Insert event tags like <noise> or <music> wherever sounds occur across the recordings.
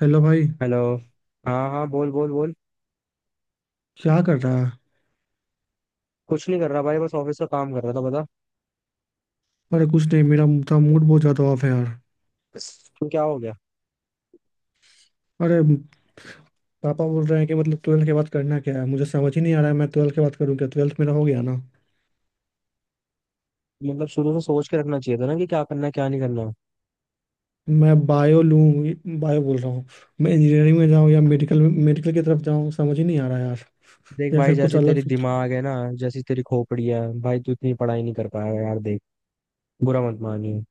Hello भाई। Hello. हाँ हाँ, बोल बोल बोल। क्या कर रहा है? कुछ नहीं कर रहा भाई, बस ऑफिस का काम कर रहा था। बता अरे कुछ नहीं, मेरा था मूड बहुत ज़्यादा ऑफ है यार। तो क्या हो गया। अरे पापा बोल रहे हैं कि मतलब ट्वेल्थ के बाद करना क्या है, मुझे समझ ही नहीं आ रहा है। मैं ट्वेल्थ के बाद करूँ क्या? ट्वेल्थ मेरा हो गया ना। मतलब शुरू से सोच के रखना चाहिए था ना कि क्या करना है क्या नहीं करना। मैं बायो लूँ, बायो बोल रहा हूँ। मैं इंजीनियरिंग में जाऊँ या मेडिकल मेडिकल की तरफ जाऊँ, समझ ही नहीं आ रहा है यार। देख या भाई, फिर कुछ जैसी अलग। तेरी दिमाग है ना, जैसी तेरी खोपड़ी है भाई, तू इतनी पढ़ाई नहीं कर पाएगा यार। देख, बुरा मत मानिए,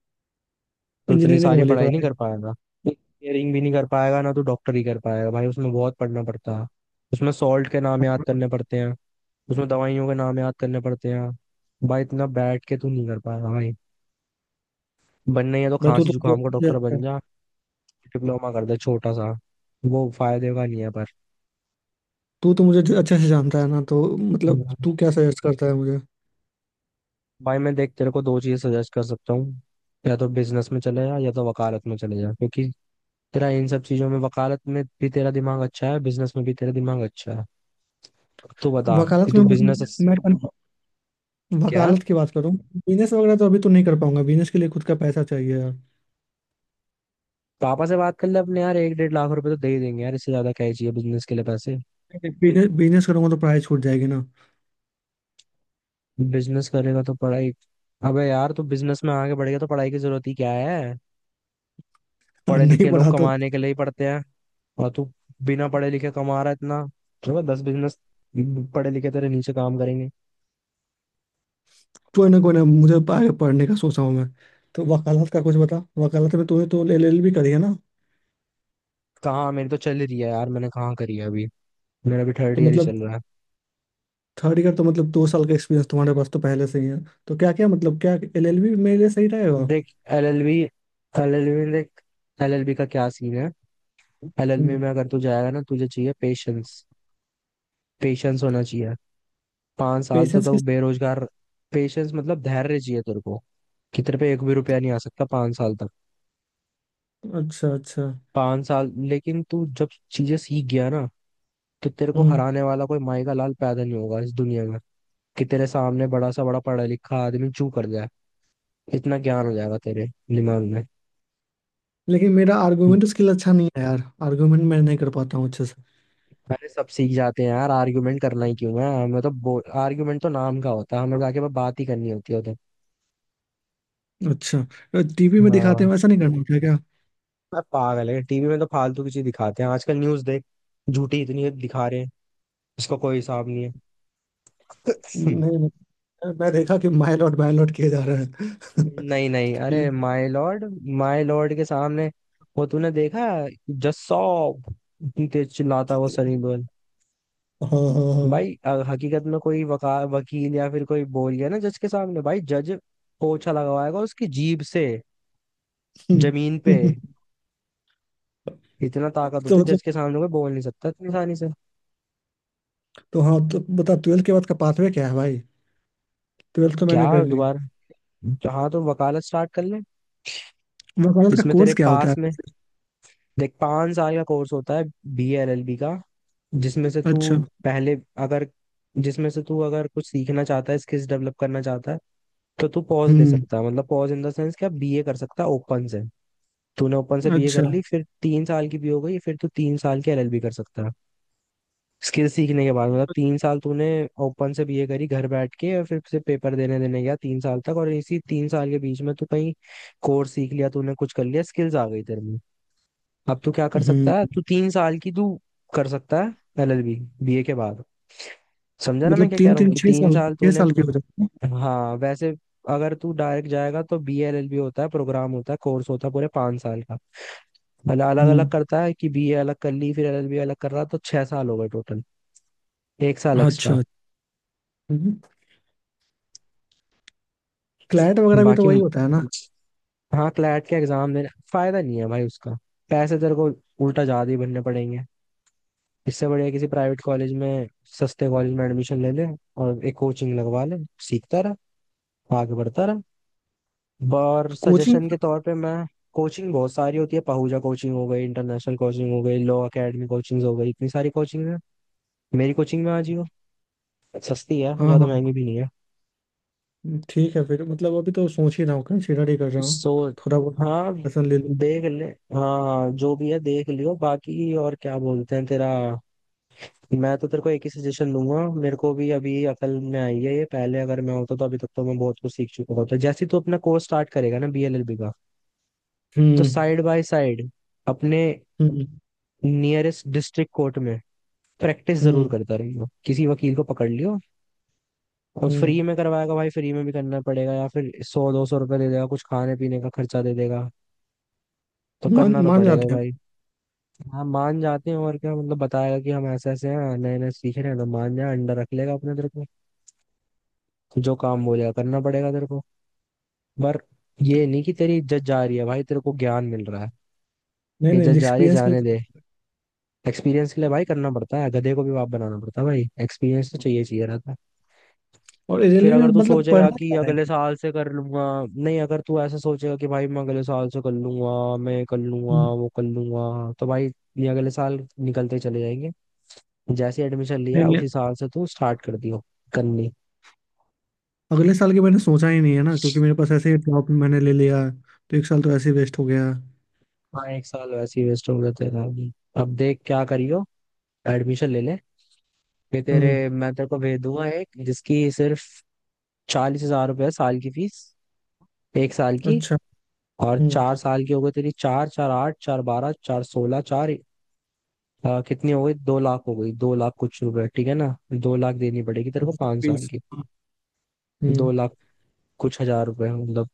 तो इतनी इंजीनियरिंग सारी वाली पढ़ाई नहीं पढ़ाई। कर पाएगा। इंजीनियरिंग भी नहीं कर पाएगा ना तू, डॉक्टर ही कर पाएगा भाई। उसमें बहुत पढ़ना पड़ता है, उसमें सॉल्ट के नाम याद करने पड़ते हैं, उसमें दवाइयों के नाम याद करने पड़ते हैं। भाई इतना बैठ के तू नहीं कर पाएगा भाई। बनना ही है तो भाई तू खांसी तो जुकाम का डॉक्टर बन जा, डिप्लोमा कर दे छोटा सा। वो फायदे का नहीं है पर। तू तो मुझे अच्छे से जानता है ना, तो मतलब तू क्या सजेस्ट करता है मुझे? भाई मैं देख, तेरे को दो चीज सजेस्ट कर सकता हूँ। या तो बिजनेस में चले जा, या तो वकालत में चले जा, क्योंकि तेरा इन सब चीजों में, वकालत में भी तेरा दिमाग अच्छा है, बिजनेस में भी तेरा दिमाग अच्छा है। तू बता कि वकालत तू में। बिजनेस। मैं क्या, वकालत की बात करूँ, बिजनेस वगैरह तो अभी तो नहीं कर पाऊंगा, बिजनेस के लिए खुद का पैसा चाहिए यार। पापा से बात कर ले अपने यार, 1.5 लाख रुपए तो दे ही देंगे यार, इससे ज्यादा क्या ही चाहिए बिजनेस के लिए पैसे। बिजनेस बिजनेस करूंगा तो पढ़ाई छूट जाएगी ना। बिजनेस करेगा तो पढ़ाई। अबे यार, तू बिजनेस में आगे बढ़ेगा तो पढ़ाई की जरूरत ही क्या है। <laughs> और पढ़े नहीं लिखे लोग पढ़ा तो? कमाने के लिए ही पढ़ते हैं। और तू बिना पढ़े लिखे कमा रहा है इतना। चलो दस बिजनेस, पढ़े लिखे तेरे नीचे काम करेंगे। कोई ना कोई ना, मुझे आगे पढ़ने का सोचा हूँ मैं। तो वकालत का कुछ बता, वकालत में तूने तो एल एल बी करी है ना? कहाँ, मेरी तो चल रही है यार, मैंने कहाँ करी है अभी। मेरा भी थर्ड तो ईयर ही मतलब चल रहा है। थर्ड ईयर तो मतलब दो साल का एक्सपीरियंस तुम्हारे पास तो पहले से ही है। तो क्या, क्या मतलब, क्या एल एल बी मेरे लिए सही रहेगा? देख, एलएलबी, एलएलबी में देख, एलएलबी का क्या सीन है। एलएलबी हम्म। में अगर तू जाएगा ना, तुझे चाहिए पेशेंस। पेशेंस होना चाहिए। पांच साल तो पेशेंस तू की? बेरोजगार। पेशेंस मतलब धैर्य चाहिए तेरे को, कि तेरे पे एक भी रुपया नहीं आ सकता 5 साल तक। अच्छा, अच्छा। 5 साल, लेकिन तू जब चीजें सीख गया ना, तो तेरे को हम्म। हराने वाला कोई माई का लाल पैदा नहीं होगा इस दुनिया में। कि तेरे सामने बड़ा सा बड़ा पढ़ा लिखा आदमी चू कर जाए, इतना ज्ञान हो जाएगा तेरे दिमाग में। लेकिन मेरा आर्गूमेंट स्किल अच्छा नहीं है यार, आर्गूमेंट मैं नहीं कर पाता हूँ अच्छे से। अरे सब सीख जाते हैं यार, आर्ग्यूमेंट करना ही क्यों है हमें, तो आर्ग्यूमेंट तो नाम का होता है, हमें जाके बस बात ही करनी होती है उधर। अच्छा, टीवी में दिखाते हाँ, हैं वैसा नहीं करना होता है क्या? मैं पागल है, टीवी में तो फालतू की चीज दिखाते हैं आजकल, न्यूज देख, झूठी इतनी दिखा रहे हैं उसका कोई हिसाब नहीं है। नहीं, मैं देखा कि माय लॉट किए जा रहे <laughs> हैं। <laughs> नहीं नहीं, कि- अरे माय लॉर्ड, माय लॉर्ड के सामने, वो तूने देखा जस्सॉप, इतनी तेज चिल्लाता है वो सनी देओल। हाँ, हाँ, हाँ। भाई हकीकत में कोई वका वकील या फिर कोई बोल गया ना जज के सामने, भाई जज पोछा लगवाएगा उसकी जीभ से, जमीन पे। <laughs> इतना ताकत तो होती है, मतलब जज के सामने कोई बोल नहीं सकता इतनी आसानी से। तो हाँ, तो बता ट्वेल्थ के बाद का पाथवे क्या है भाई? ट्वेल्थ तो क्या, मैंने कर ली। दोबारा? हाँ, तो वकालत स्टार्ट कर ले। वकालत का इसमें तेरे कोर्स क्या होता है? पास में, देख पांच साल का कोर्स होता है, बी एल एल बी का, जिसमें से तू। अच्छा। पहले अगर, जिसमें से तू अगर कुछ सीखना चाहता है, स्किल्स डेवलप करना चाहता है, तो तू पॉज ले हम्म। सकता है। मतलब पॉज इन द सेंस क्या, बी ए कर सकता है ओपन से। तूने ओपन से बीए कर अच्छा। ली, फिर 3 साल की भी हो गई, फिर तू 3 साल की एलएलबी कर सकता है। स्किल सीखने के बाद, मतलब 3 साल तूने ओपन से बीए करी घर बैठ के, और फिर से पेपर देने देने गया 3 साल तक, और इसी 3 साल के बीच में तू कहीं कोर्स सीख लिया, तूने कुछ कर लिया, स्किल्स आ गई तेरे में। अब तू क्या कर हम्म। सकता है, तू तीन साल की तू कर सकता है एलएलबी, बीए के बाद। समझा ना मैं मतलब क्या कह तीन रहा हूँ, तीन कि छह तीन साल, साल छह तूने। साल के होते हैं? हाँ वैसे, अगर तू डायरेक्ट जाएगा तो बी एल एल बी होता है, प्रोग्राम होता है, कोर्स होता है पूरे 5 साल का। मतलब अलग अलग हम्म। करता है कि बी ए अलग कर ली, फिर एल एल बी अलग कर रहा, तो 6 साल हो गए टोटल, 1 साल एक्स्ट्रा। अच्छा। क्लाइंट वगैरह भी तो बाकी, वही होता है ना? हाँ, क्लैट के एग्जाम देने फायदा नहीं है भाई उसका, पैसे तेरे को उल्टा ज्यादा ही भरने पड़ेंगे। इससे बढ़िया किसी प्राइवेट कॉलेज में, सस्ते कॉलेज में एडमिशन ले ले, और एक कोचिंग लगवा ले, सीखता रहा, आगे बढ़ता रहा। और कोचिंग। सजेशन के तौर पे मैं, कोचिंग बहुत सारी होती है, पहूजा कोचिंग हो गई, इंटरनेशनल कोचिंग हो गई, लॉ एकेडमी कोचिंग हो गई, इतनी सारी कोचिंग है। मेरी कोचिंग में आ जियो, सस्ती है, हाँ, हाँ, ज्यादा महंगी हाँ। भी नहीं है। ठीक है फिर। मतलब अभी तो सोच ही रहा हूँ, कंसिडर ही कर रहा हूँ। सो, थोड़ा बहुत हाँ लेसन ले लूँ। देख ले। हाँ हाँ, जो भी है देख लियो, बाकी और क्या बोलते हैं तेरा। मैं तो तेरे को एक ही सजेशन दूंगा, मेरे को भी अभी अकल में आई है ये, पहले अगर मैं होता तो अभी तक तो मैं बहुत कुछ सीख चुका होता। जैसे तू अपना कोर्स स्टार्ट करेगा ना बीएलएलबी का, तो हम्म। साइड बाय साइड अपने हम्म। नियरेस्ट डिस्ट्रिक्ट कोर्ट में प्रैक्टिस जरूर हम्म। करता रहियो, किसी वकील को पकड़ लियो। और हम्म। फ्री में करवाएगा भाई, फ्री में भी करना पड़ेगा, या फिर 100-200 रुपये दे देगा, कुछ खाने पीने का खर्चा दे देगा, तो मान करना तो मान पड़ेगा जाते हैं। भाई। हाँ, मान जाते हैं और क्या, मतलब बताएगा कि हम ऐसे ऐसे हैं, नए नए सीख रहे हैं, तो मान जा, अंडर रख लेगा अपने तेरे को, जो काम बोलेगा करना पड़ेगा तेरे को। पर ये नहीं कि तेरी इज्जत जा रही है भाई, तेरे को ज्ञान मिल रहा नहीं, है, इज्जत नहीं, जा रही है एक्सपीरियंस के लिए। जाने दे। एक्सपीरियंस के लिए भाई करना पड़ता है, गधे को भी बाप बनाना पड़ता है भाई, एक्सपीरियंस तो चाहिए, चाहिए रहता है। और फिर रेलवे में अगर तू मतलब सोचेगा पढ़ना कि क्या है? अगले साल से कर लूंगा, नहीं, अगर तू ऐसा सोचेगा कि भाई मैं अगले साल से कर लूंगा, मैं कर लूंगा, हम्म। वो कर लूंगा, तो भाई ये अगले साल निकलते चले जाएंगे। जैसे एडमिशन नहीं, लिया नहीं, उसी साल से तू स्टार्ट कर दियो करनी। अगले साल के मैंने सोचा ही नहीं है ना, क्योंकि मेरे पास ऐसे ही ड्रॉप मैंने ले लिया। तो एक साल तो ऐसे ही वेस्ट हो गया। हाँ, एक साल वैसे ही वेस्ट हो गया तेरा भी। अब देख क्या करियो, एडमिशन ले ले, फिर हम्म। तेरे, मैं तेरे को भेज दूंगा एक, जिसकी सिर्फ 40 हज़ार रुपये है साल की फीस, 1 साल की। अच्छा। और हम्म। 4 साल की हो गई तेरी, चार चार आठ, चार बारह, चार सोलह, चार। हाँ कितनी हो गई, 2 लाख हो गई, दो लाख कुछ रुपए, ठीक है ना। दो लाख देनी पड़ेगी तेरे को 5 साल फीस। की, हम्म। दो लाख कुछ हजार रुपए मतलब,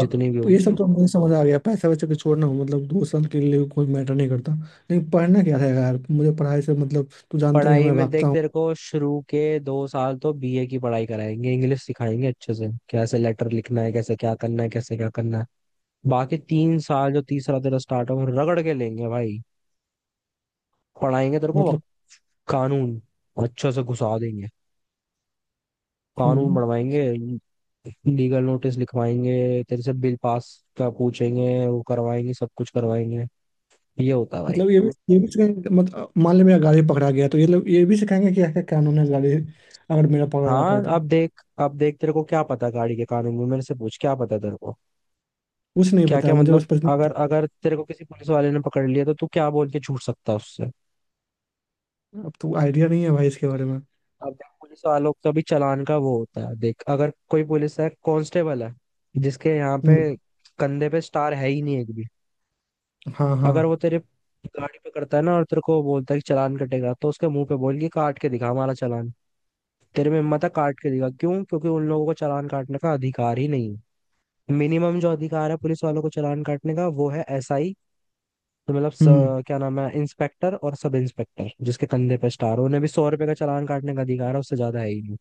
जितनी भी ये सब होगी। तो मुझे समझ आ गया, पैसा वैसा के छोड़ना हो मतलब दो साल के लिए कोई मैटर नहीं करता। लेकिन पढ़ना क्या था यार, मुझे पढ़ाई से मतलब तू जानता ही है पढ़ाई मैं में देख, भागता हूँ। तेरे को शुरू के 2 साल तो बीए की पढ़ाई कराएंगे, इंग्लिश सिखाएंगे अच्छे से, कैसे लेटर लिखना है, कैसे क्या करना है, कैसे क्या करना है। बाकी 3 साल जो तीसरा तेरा स्टार्ट हो, रगड़ के लेंगे भाई, पढ़ाएंगे तेरे को मतलब। कानून, अच्छे से घुसा देंगे कानून, हम्म। बनवाएंगे, लीगल नोटिस लिखवाएंगे तेरे से, बिल पास का पूछेंगे, वो करवाएंगे, सब कुछ करवाएंगे, ये होता है भाई। मतलब ये भी सिखाएंगे, मतलब मान लो मेरा गाड़ी पकड़ा गया तो ये लोग ये भी सिखाएंगे कि क्या कानून है गाड़ी? अगर मेरा पकड़ा जाता है हाँ, तो? अब देख, अब देख तेरे को क्या पता गाड़ी के कानून में, मेरे से पूछ, क्या पता तेरे को कुछ नहीं क्या क्या। पता मुझे, बस मतलब पता अगर, नहीं। अगर तेरे को किसी पुलिस वाले ने पकड़ लिया, तो तू क्या बोल के छूट सकता है उससे। अब तो आइडिया नहीं है भाई इसके बारे में। अब देख, पुलिस वालों का भी चालान का वो होता है। देख, अगर कोई पुलिस है, कांस्टेबल है, जिसके यहाँ पे, हम्म। कंधे पे स्टार है ही नहीं एक भी, हाँ, अगर हाँ। वो तेरे गाड़ी पे करता है ना, और तेरे को बोलता है कि चालान कटेगा, तो उसके मुंह पे बोल के, काट के दिखा हमारा चालान, तेरे में हिम्मत है, काट के दिखा। क्यों? क्योंकि उन लोगों को चालान काटने का अधिकार ही नहीं है। मिनिमम जो अधिकार है पुलिस वालों को चालान काटने का, वो है एसआई। तो मतलब हम्म। क्या नाम है, इंस्पेक्टर और सब इंस्पेक्टर, जिसके कंधे पे स्टार, उन्हें भी 100 रुपए का चालान काटने का अधिकार है, उससे ज्यादा है ही।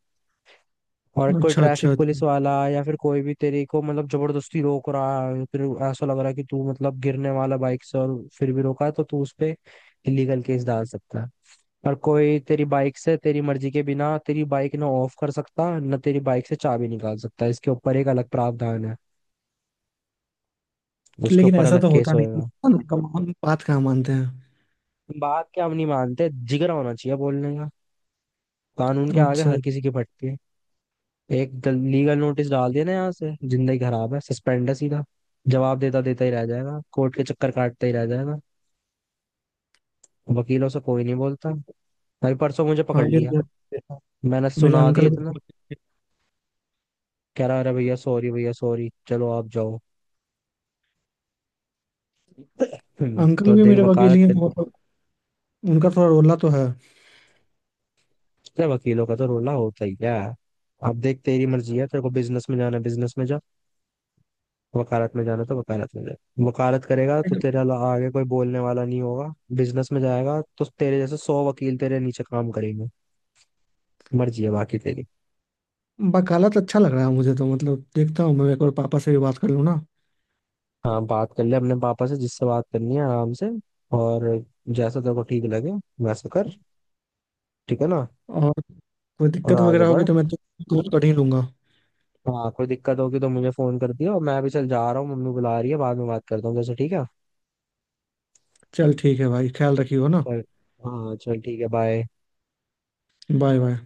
और कोई अच्छा, अच्छा, ट्रैफिक पुलिस अच्छा। वाला या फिर कोई भी तेरे को मतलब जबरदस्ती रोक रहा है, फिर ऐसा लग रहा है कि तू मतलब गिरने वाला बाइक से, और फिर भी रोका है, तो तू उस पे इलीगल केस डाल सकता है। और कोई तेरी बाइक से तेरी मर्जी के बिना तेरी बाइक ना ऑफ कर सकता, ना तेरी बाइक से चाबी निकाल सकता है। इसके ऊपर एक अलग प्रावधान है, उसके लेकिन ऊपर ऐसा अलग तो केस होता नहीं होएगा। है ना, कम हम बात कहाँ मानते हैं। बात क्या, हम नहीं मानते, जिगरा होना चाहिए बोलने का, कानून के अच्छा, आगे अच्छा। हर किसी की फटती है। एक लीगल नोटिस डाल दिया ना, यहाँ से जिंदगी खराब है, सस्पेंड है सीधा, जवाब देता देता ही रह जाएगा, कोर्ट के चक्कर काटता ही रह जाएगा। वकीलों से कोई नहीं बोलता। भाई परसों मुझे हाँ, पकड़ ये लिया, तो देखा। मैंने मेरे सुना दिया अंकल भी। इतना, कह रहा अरे भैया सॉरी, भैया सॉरी, चलो आप जाओ। <clears throat> अंकल तो भी देख, मेरे वकील वकालत ही हैं कर। मतलब, उनका थोड़ा रोला तो है। अरे वकीलों का तो रोला होता ही क्या है। अब देख, तेरी मर्जी है, तेरे को बिजनेस में जाना है बिजनेस में जा, वकालत में जाना है तो वकालत में जा। वकालत करेगा तो तेरे आगे कोई बोलने वाला नहीं होगा। बिजनेस में जाएगा तो तेरे जैसे 100 वकील तेरे नीचे काम करेंगे। मर्जी है बाकी तेरी। वकालत अच्छा लग रहा है मुझे तो, मतलब देखता हूँ, मैं एक बार पापा से भी बात कर लूँ ना। हाँ, बात कर ले अपने पापा से, जिससे बात करनी है आराम से, और जैसा तेरे को ठीक लगे वैसा कर, ठीक है ना। कोई और दिक्कत आगे वगैरह होगी बढ़। तो मैं तो कॉल कर ही लूंगा। हाँ, कोई दिक्कत होगी तो मुझे फोन कर दियो, और मैं अभी चल जा रहा हूँ, मम्मी बुला रही है, बाद में बात करता हूँ जैसे, ठीक है। चल ठीक है भाई, ख्याल रखियो ना। चल। हाँ चल, ठीक है, बाय। Bye, bye.